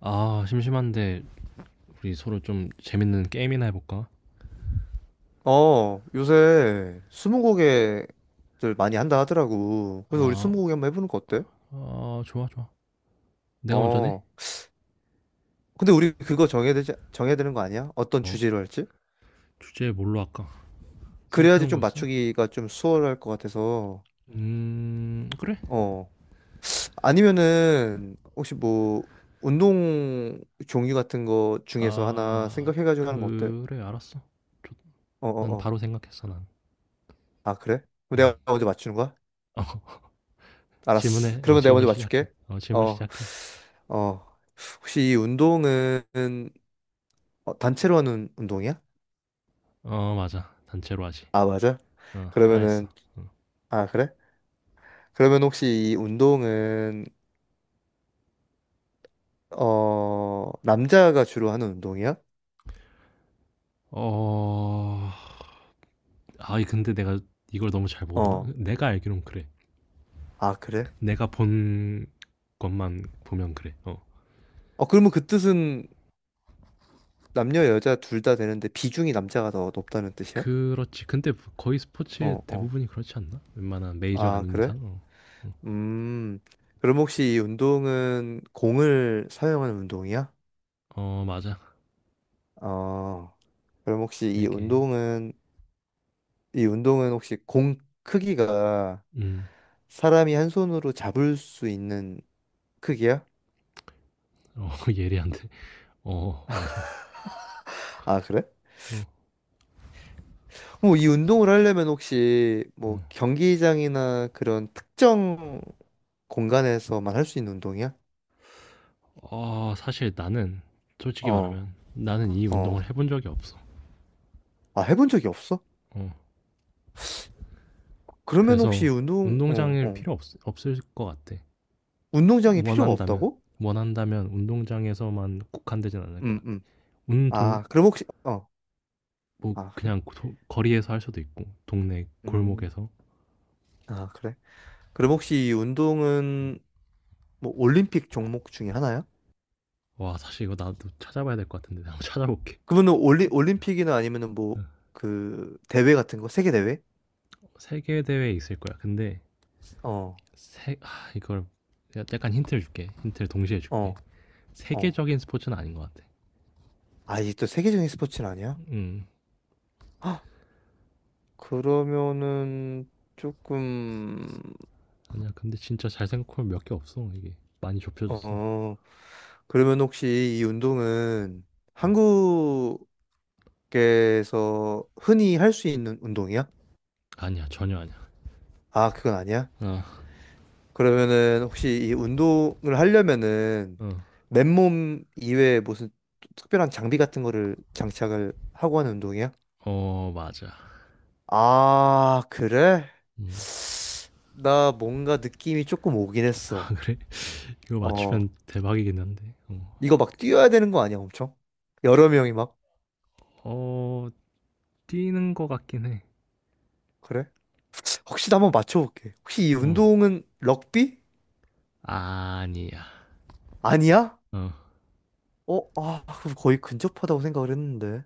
아, 심심한데 우리 서로 좀 재밌는 게임이나 해볼까? 어, 요새 스무고개들 많이 한다 하더라고. 그래서 우리 아, 스무고개 한번 해보는 거 어때? 아, 좋아, 좋아. 내가 먼저 내? 어. 근데 우리 그거 정해야 되지, 정해야 되는 거 아니야? 어떤 어? 주제로 할지? 주제 뭘로 할까? 그래야지 생각해놓은 좀 거 있어? 맞추기가 좀 수월할 것 같아서. 그래. 어. 아니면은, 혹시 뭐, 운동 종류 같은 거 중에서 하나 아, 생각해가지고 하는 거 어때? 그래, 알았어. 좋- 어, 어, 난 어. 바로 생각했어, 난. 아, 그래? 그럼 음. 내가 먼저 맞추는 거야? 어, 알았어. 질문해. 어, 그러면 내가 질문 먼저 시작해. 맞출게. 어, 질문 어, 시작해. 어. 혹시 이 운동은 단체로 하는 운동이야? 어, 맞아. 단체로 하지. 아, 맞아? 어, 하나 했어. 그러면은, 아, 그래? 그러면 혹시 이 운동은, 남자가 주로 하는 운동이야? 어, 아, 이 근데 내가 이걸 너무 잘 모르나? 어, 내가 알기론 그래. 아, 그래? 내가 본 것만 보면 그래. 어. 어, 그러면 그 뜻은 남녀, 여자 둘 다 되는데 비중이 남자가 더 높다는 뜻이야? 그렇지. 근데 거의 스포츠 어, 어. 대부분이 그렇지 않나? 웬만한 메이저 아, 아닌 그래? 이상. 어, 어. 음, 그럼 혹시 이 운동은 공을 사용하는 운동이야? 어, 맞아. 어, 그럼 혹시 세 이 개. 운동은 이 운동은 혹시 공 크기가 음, 사람이 한 손으로 잡을 수 있는 크기야? 어, 예리한데. 어, 맞아. 아, 그래? 어, 뭐 이 운동을 하려면 혹시 어. 뭐 경기장이나 그런 특정 공간에서만 할 수 있는 운동이야? 어, 사실 나는 솔직히 어, 말하면 나는 이 어. 운동을 해본 적이 없어. 아, 해본 적이 없어? 어, 그러면 혹시 그래서 운동, 어, 운동장일 어. 필요 없을 것 같아. 운동장이 필요가 원한다면. 없다고? 원한다면 운동장에서만 국한되진 않을 것 음, 같아. 음. 운동, 아, 그럼 혹시, 어. 뭐, 아, 그래? 그냥 거리에서 할 수도 있고, 동네 음, 골목에서. 아, 그래? 그럼 혹시 이 운동은 뭐 올림픽 종목 중에 하나야? 와 사실 이거 나도 찾아봐야 될 것 같은데 내가 한번 찾아볼게. 올림픽이나 아니면은 뭐, 응. 그, 대회 같은 거? 세계 대회? 세계 대회에 있을 거야. 근데 어, 이걸 내가 약간 힌트를 줄게. 힌트를 동시에 줄게. 어, 어. 세계적인 스포츠는 아닌 것 같아. 아, 이게 또 세계적인 스포츠는 아니야? 음 헉, 그러면은, 조금, 아니야. 근데 진짜 잘 생각하면 몇 개 없어 이게 많이 좁혀졌어. 어, 그러면 혹시 이 운동은 한국에서 흔히 할 수 있는 운동이야? 아니야 전혀 아니야. 아, 그건 아니야? 그러면은 혹시 이 운동을 하려면은 맨몸 이외에 무슨 특별한 장비 같은 거를 장착을 하고 하는 운동이야? 어어어 맞아. 아, 그래? 음, 나 뭔가 느낌이 조금 오긴 아 했어. 그래? 이거 어, 맞추면 대박이긴 한데. 어, 이거 막 뛰어야 되는 거 아니야, 엄청? 여러 명이 막. 어 뛰는 것 같긴 해. 그래? 혹시 나 한번 맞춰볼게. 혹시 이 어 운동은 럭비? 아니야. 아니야? 어 어, 아, 그럼 거의 근접하다고 생각을 했는데.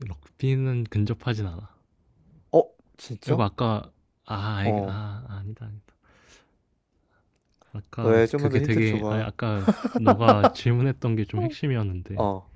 럭비는 근접하진 않아. 어, 그리고 진짜? 아까 아, 아, 어, 아 아니다 아니다. 아까 왜 좀만 더 그게 힌트를 되게 아 줘봐. 아까 너가 질문했던 게 좀 핵심이었는데 어,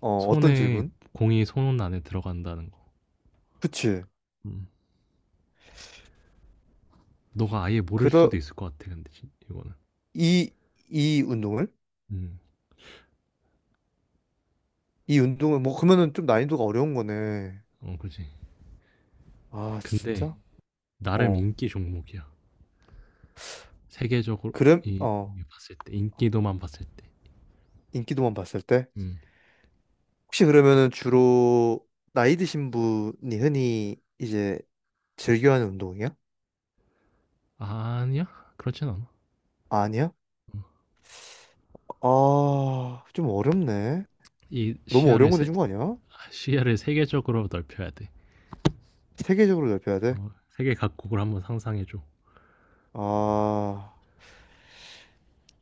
어, 어떤 손에 질문? 공이 손 안에 들어간다는 거. 그치. 음. 너가 아예 모를 그러, 수도 있을 것 같아 근데 이거는. 이, 이 운동을? 음. 이 운동을, 뭐, 그러면은 좀 난이도가 어려운 거네. 어 그지. 아, 근데 진짜? 나름 어 인기 종목이야. 세계적으로 그럼 이, 어 이 봤을 때 인기도만 봤을 때. 인기도만 봤을 때 음. 혹시 그러면은 주로 나이 드신 분이 흔히 이제 즐겨하는 운동이야? 아니야 그렇진 않아. 아니야? 아, 좀 어렵네. 이 너무 어려운 시야를 거 세 내준 거 아니야? 아, 시야를 세계적으로 넓혀야 돼. 세계적으로 넓혀야 돼? 어, 세계 각국을 한번 상상해줘. 아,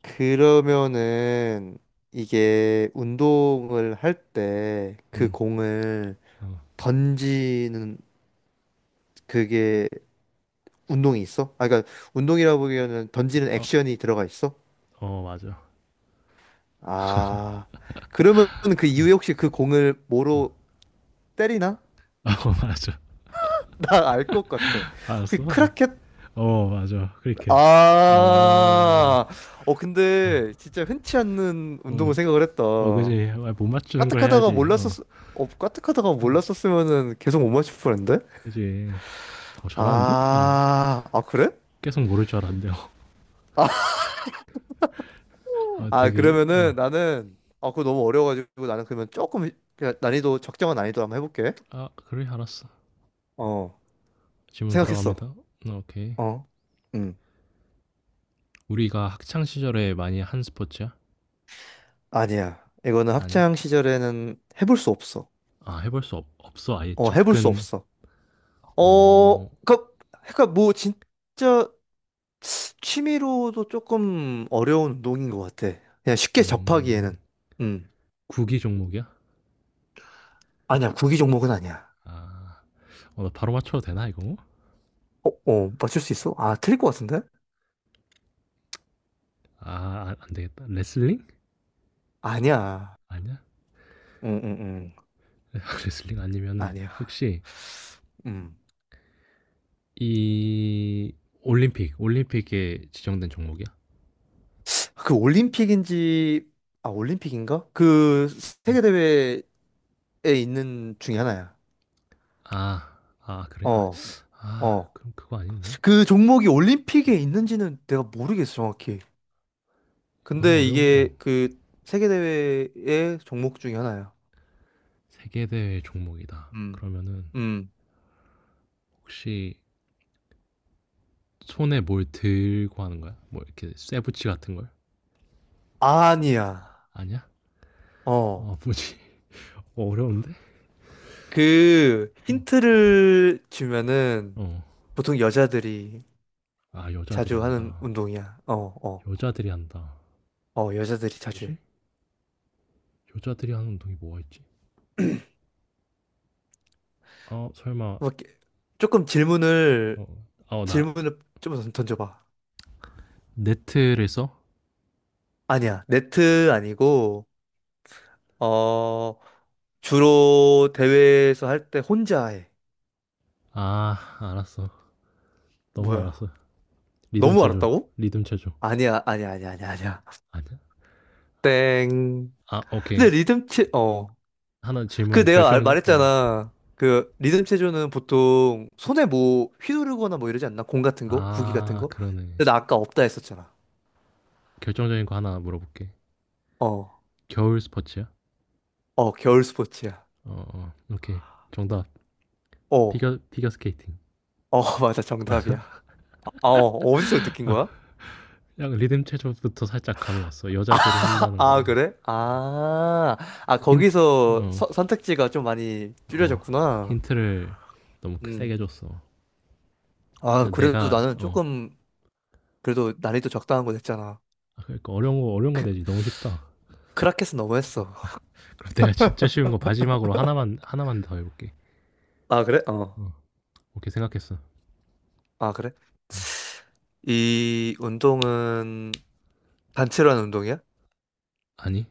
그러면은 이게 운동을 할 때 그 음. 공을 어, 던지는 그게 운동이 있어? 아, 그러니까 운동이라고 보기에는 던지는 어, 액션이 들어가 있어? 어, 맞아. 아, 그러면 그 이후에 혹시 그 공을 어. 뭐로 때리나? 어 맞아. 나 알 것 같아. 혹시 알았어. 크라켓? 어 맞아. 크리켓. 어. 어. 아, 어, 근데 어. 진짜 흔치 않는 운동을 음. 생각을 했다. 어 그지. 아, 못 맞추는 걸 까딱하다가 해야지. 어. 몰랐었, 어, 까딱하다가 어, 몰랐었으면은 계속 못 맞출 뻔했는데? 그지. 어 잘하는데? 어. 아, 아, 그래? 계속 모를 줄 알았는데. 어. 아, 아, 되게 어. 그러면은 나는, 아, 그거 너무 어려워가지고 나는 그러면 조금, 그냥 난이도, 적정한 난이도 한번 해볼게. 아, 그래 알았어. 어, 질문 생각했어. 들어갑니다. 어, 오케이. 어, 응. 우리가 학창 시절에 많이 한 스포츠야? 아니야. 이거는 아니야. 학창 시절에는 해볼 수 없어. 아, 해볼 수 없어. 아예 어, 해볼 수 접근 없어. 어, 어. 그, 그니까 뭐 진짜 취미로도 조금 어려운 운동인 것 같아. 그냥 쉽게 음. 접하기에는. 음. 구기 종목이야? 아니야, 구기 종목은 아니야. 아. 어, 나 바로 맞춰도 되나 이거? 어, 어, 맞출 수 있어? 아, 틀릴 것 같은데? 아 아, 안 되겠다. 레슬링? 아니야. 아니야? 응, 응, 응. 레슬링 아니면은 아니야. 혹시 음. 이 올림픽, 올림픽에 지정된 종목이야? 그 올림픽인지, 아, 올림픽인가? 그 세계대회에 있는 중에 하나야. 아, 아 그래? 아, 어, 아 어. 그럼 그거 아닌데? 그 종목이 올림픽에 있는지는 내가 모르겠어, 정확히. 너무 근데 어려운 어. 이게 그 세계대회의 종목 중에 하나야. 세계대회 종목이다. 음. 그러면은 음. 혹시 손에 뭘 들고 하는 거야? 뭐 이렇게 쇠붙이 같은 걸? 아니야. 아니야? 어. 아 뭐지? 어, 어려운데? 그 어. 힌트를 주면은 어. 보통 여자들이 아 여자들이 자주 하는 한다. 운동이야. 어, 어. 여자들이 한다. 어, 여자들이 자주 뭐지? 해. 여자들이 하는 운동이 뭐가 있지? 아 설마 뭐 이렇게 조금 질문을 어, 아우 나 질문을 좀 던져봐. 네트를 써? 아니야. 네트 아니고 어 주로 대회에서 할 때 혼자 해. 아, 알았어. 너무 뭐야? 알았어. 리듬 너무 체조 알았다고? 리듬 체조 아니야, 아니야, 아니야, 아니야, 아니야. 아니야? 땡. 아, 오케이. 어. 하나 질문 결정적. 어. 말했잖아. 그 리듬 체조는 보통 손에 뭐 휘두르거나 뭐 이러지 않나? 공 같은 거? 구기 같은 아, 거? 그러네. 근데 나 아까 없다 했었잖아. 결정적인 거 하나 물어볼게. 어, 겨울 스포츠야? 어, 겨울 스포츠야. 어, 어, 오케이. 정답. 어, 피겨 스케이팅. 어, 맞아, 정답이야. 맞아. 아, 어, 어디서 느낀 아, 거야? 약간 리듬 체조부터 살짝 감이 왔어. 여자들이 한다는 아, 거랑 그래? 아, 아, 힌트. 어, 선택지가 좀 많이 어. 줄여졌구나. 힌트를 너무 음. 세게 줬어. 아, 그래서 그래도 내가 나는 어, 조금 그래도 난이도 적당한 거 냈잖아. 아, 그러니까 어려운 거 어려운 거 되지. 너무 쉽다. 크라켓은 너무했어. 그럼 내가 진짜 쉬운 거 마지막으로 하나만 하나만 더 해볼게. 아, 그래? 어. 어, 오케이 생각했어. 아, 그래? 응. 이 운동은 단체로 하는 운동이야? 아니?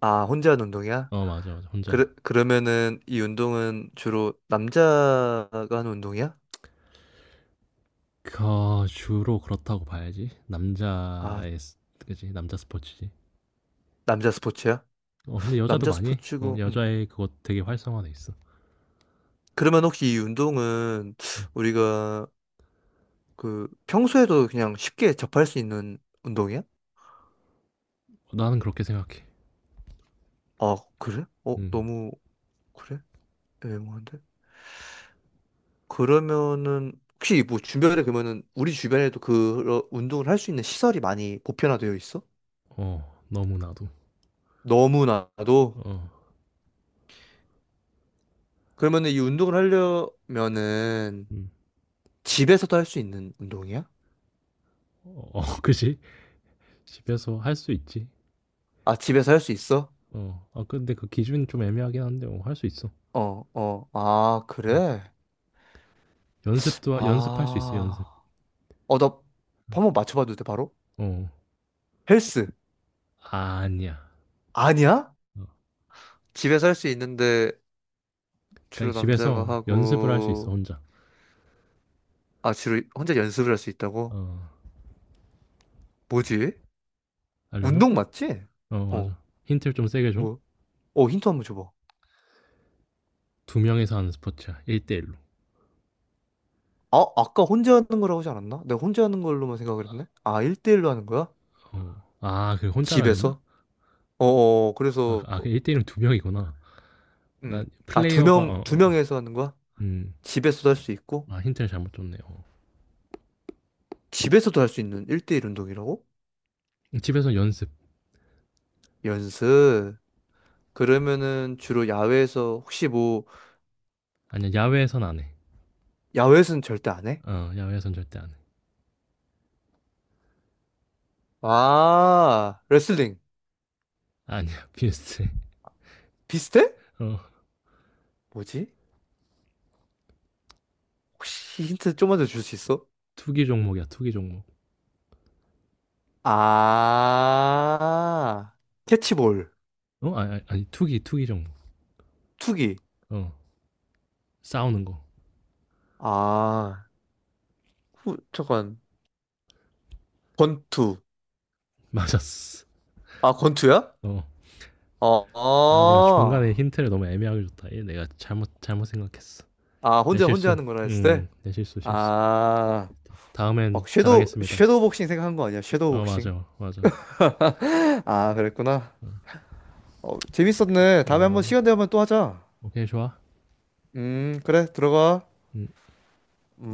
아, 혼자 하는 운동이야? 어 맞아 맞아 그러, 혼자야. 그러면은 이 운동은 주로 남자가 하는 운동이야? 그 주로 그렇다고 봐야지. 아, 남자의 그지 남자 스포츠지. 남자 스포츠야? 어 근데 여자도 남자 많이 해. 어, 스포츠고, 여자의 그거 되게 활성화돼 있어. 그러면 혹시 이 운동은 음. 우리가 그 평소에도 그냥 쉽게 접할 수 있는 운동이야? 나는 그렇게 생각해. 아, 그래? 어, 음. 너무, 그래? 애매한데? 그러면은 혹시 뭐 주변에 그러면은 우리 주변에도 그런 운동을 할 수 있는 시설이 많이 보편화되어 있어? 어 너무 나도. 너무나도 어. 그러면은 이 운동을 하려면은 음. 집에서도 할 수 있는 운동이야? 어, 그지 집에서 할 수 있지. 아 집에서 할 수 있어? 어. 아 근데 그 기준 이 좀 애매하긴 한데 어, 할 수 있어. 아 음. 그래? 연습도 연습할 수 있어 연습. 아어나 한번 맞춰봐도 돼 바로? 어. 헬스 아니야. 아니야? 어. 집에서 할 수 있는데 주로 그러니까 남자가 집에서 연습을 할 수 있어 하고 혼자. 아 주로 혼자 연습을 할 수 있다고? 어. 뭐지? 알려줘? 운동 맞지? 어 어. 맞아. 힌트를 좀 세게 줘. 뭐 어, 힌트 한번 줘봐. 두 명이서 하는 스포츠야. 1:1 로. 아, 아까 혼자 하는 거라고 하지 않았나? 내가 혼자 하는 걸로만 생각을 했네. 아, 1대1로 하는 거야? 어. 아 그 혼자라 그랬나? 집에서? 아 그 그래서, 아, 그 1:1은 두 명이구나. 음. 난 아, 두 플레이어가 명, 두 어어어. 명에서 하는 거야? 음. 집에서도 할 수 있고? 아 힌트를 잘못 줬네. 어. 집에서도 할 수 있는 1대1 운동이라고? 집에서 연습. 연습. 그러면은 주로 야외에서, 혹시 뭐, 아니야 야외에선 안 해. 야외에서는 절대 안 해? 어 야외에선 절대 안 해. 아, 레슬링. 아니야 비슷해. 비슷해? 어. 뭐지? 혹시 힌트 좀만 더 줄 수 있어? 투기 종목이야 투기 종목. 아, 캐치볼. 어? 아니 아니 아니, 투기 종목. 투기. 어. 싸우는 거. 아, 후, 잠깐. 권투. 맞았어. 아, 권투야? 어. 어, 아 내가 중간에 아, 힌트를 너무 애매하게 줬다. 얘 내가 잘못 생각했어. 내 혼자, 혼자 실수. 하는 거라 했을 때? 내 실수 실수. 아, 다음엔 막 섀도우, 잘하겠습니다. 섀도우 복싱 생각한 거 아니야? 섀도우 어 복싱? 맞아 맞아. 아, 그랬구나. 어, 오케이. 재밌었네. 다음에 한번 어 시간 되면 또 하자. 오케이 좋아. 그래, 들어가. 음.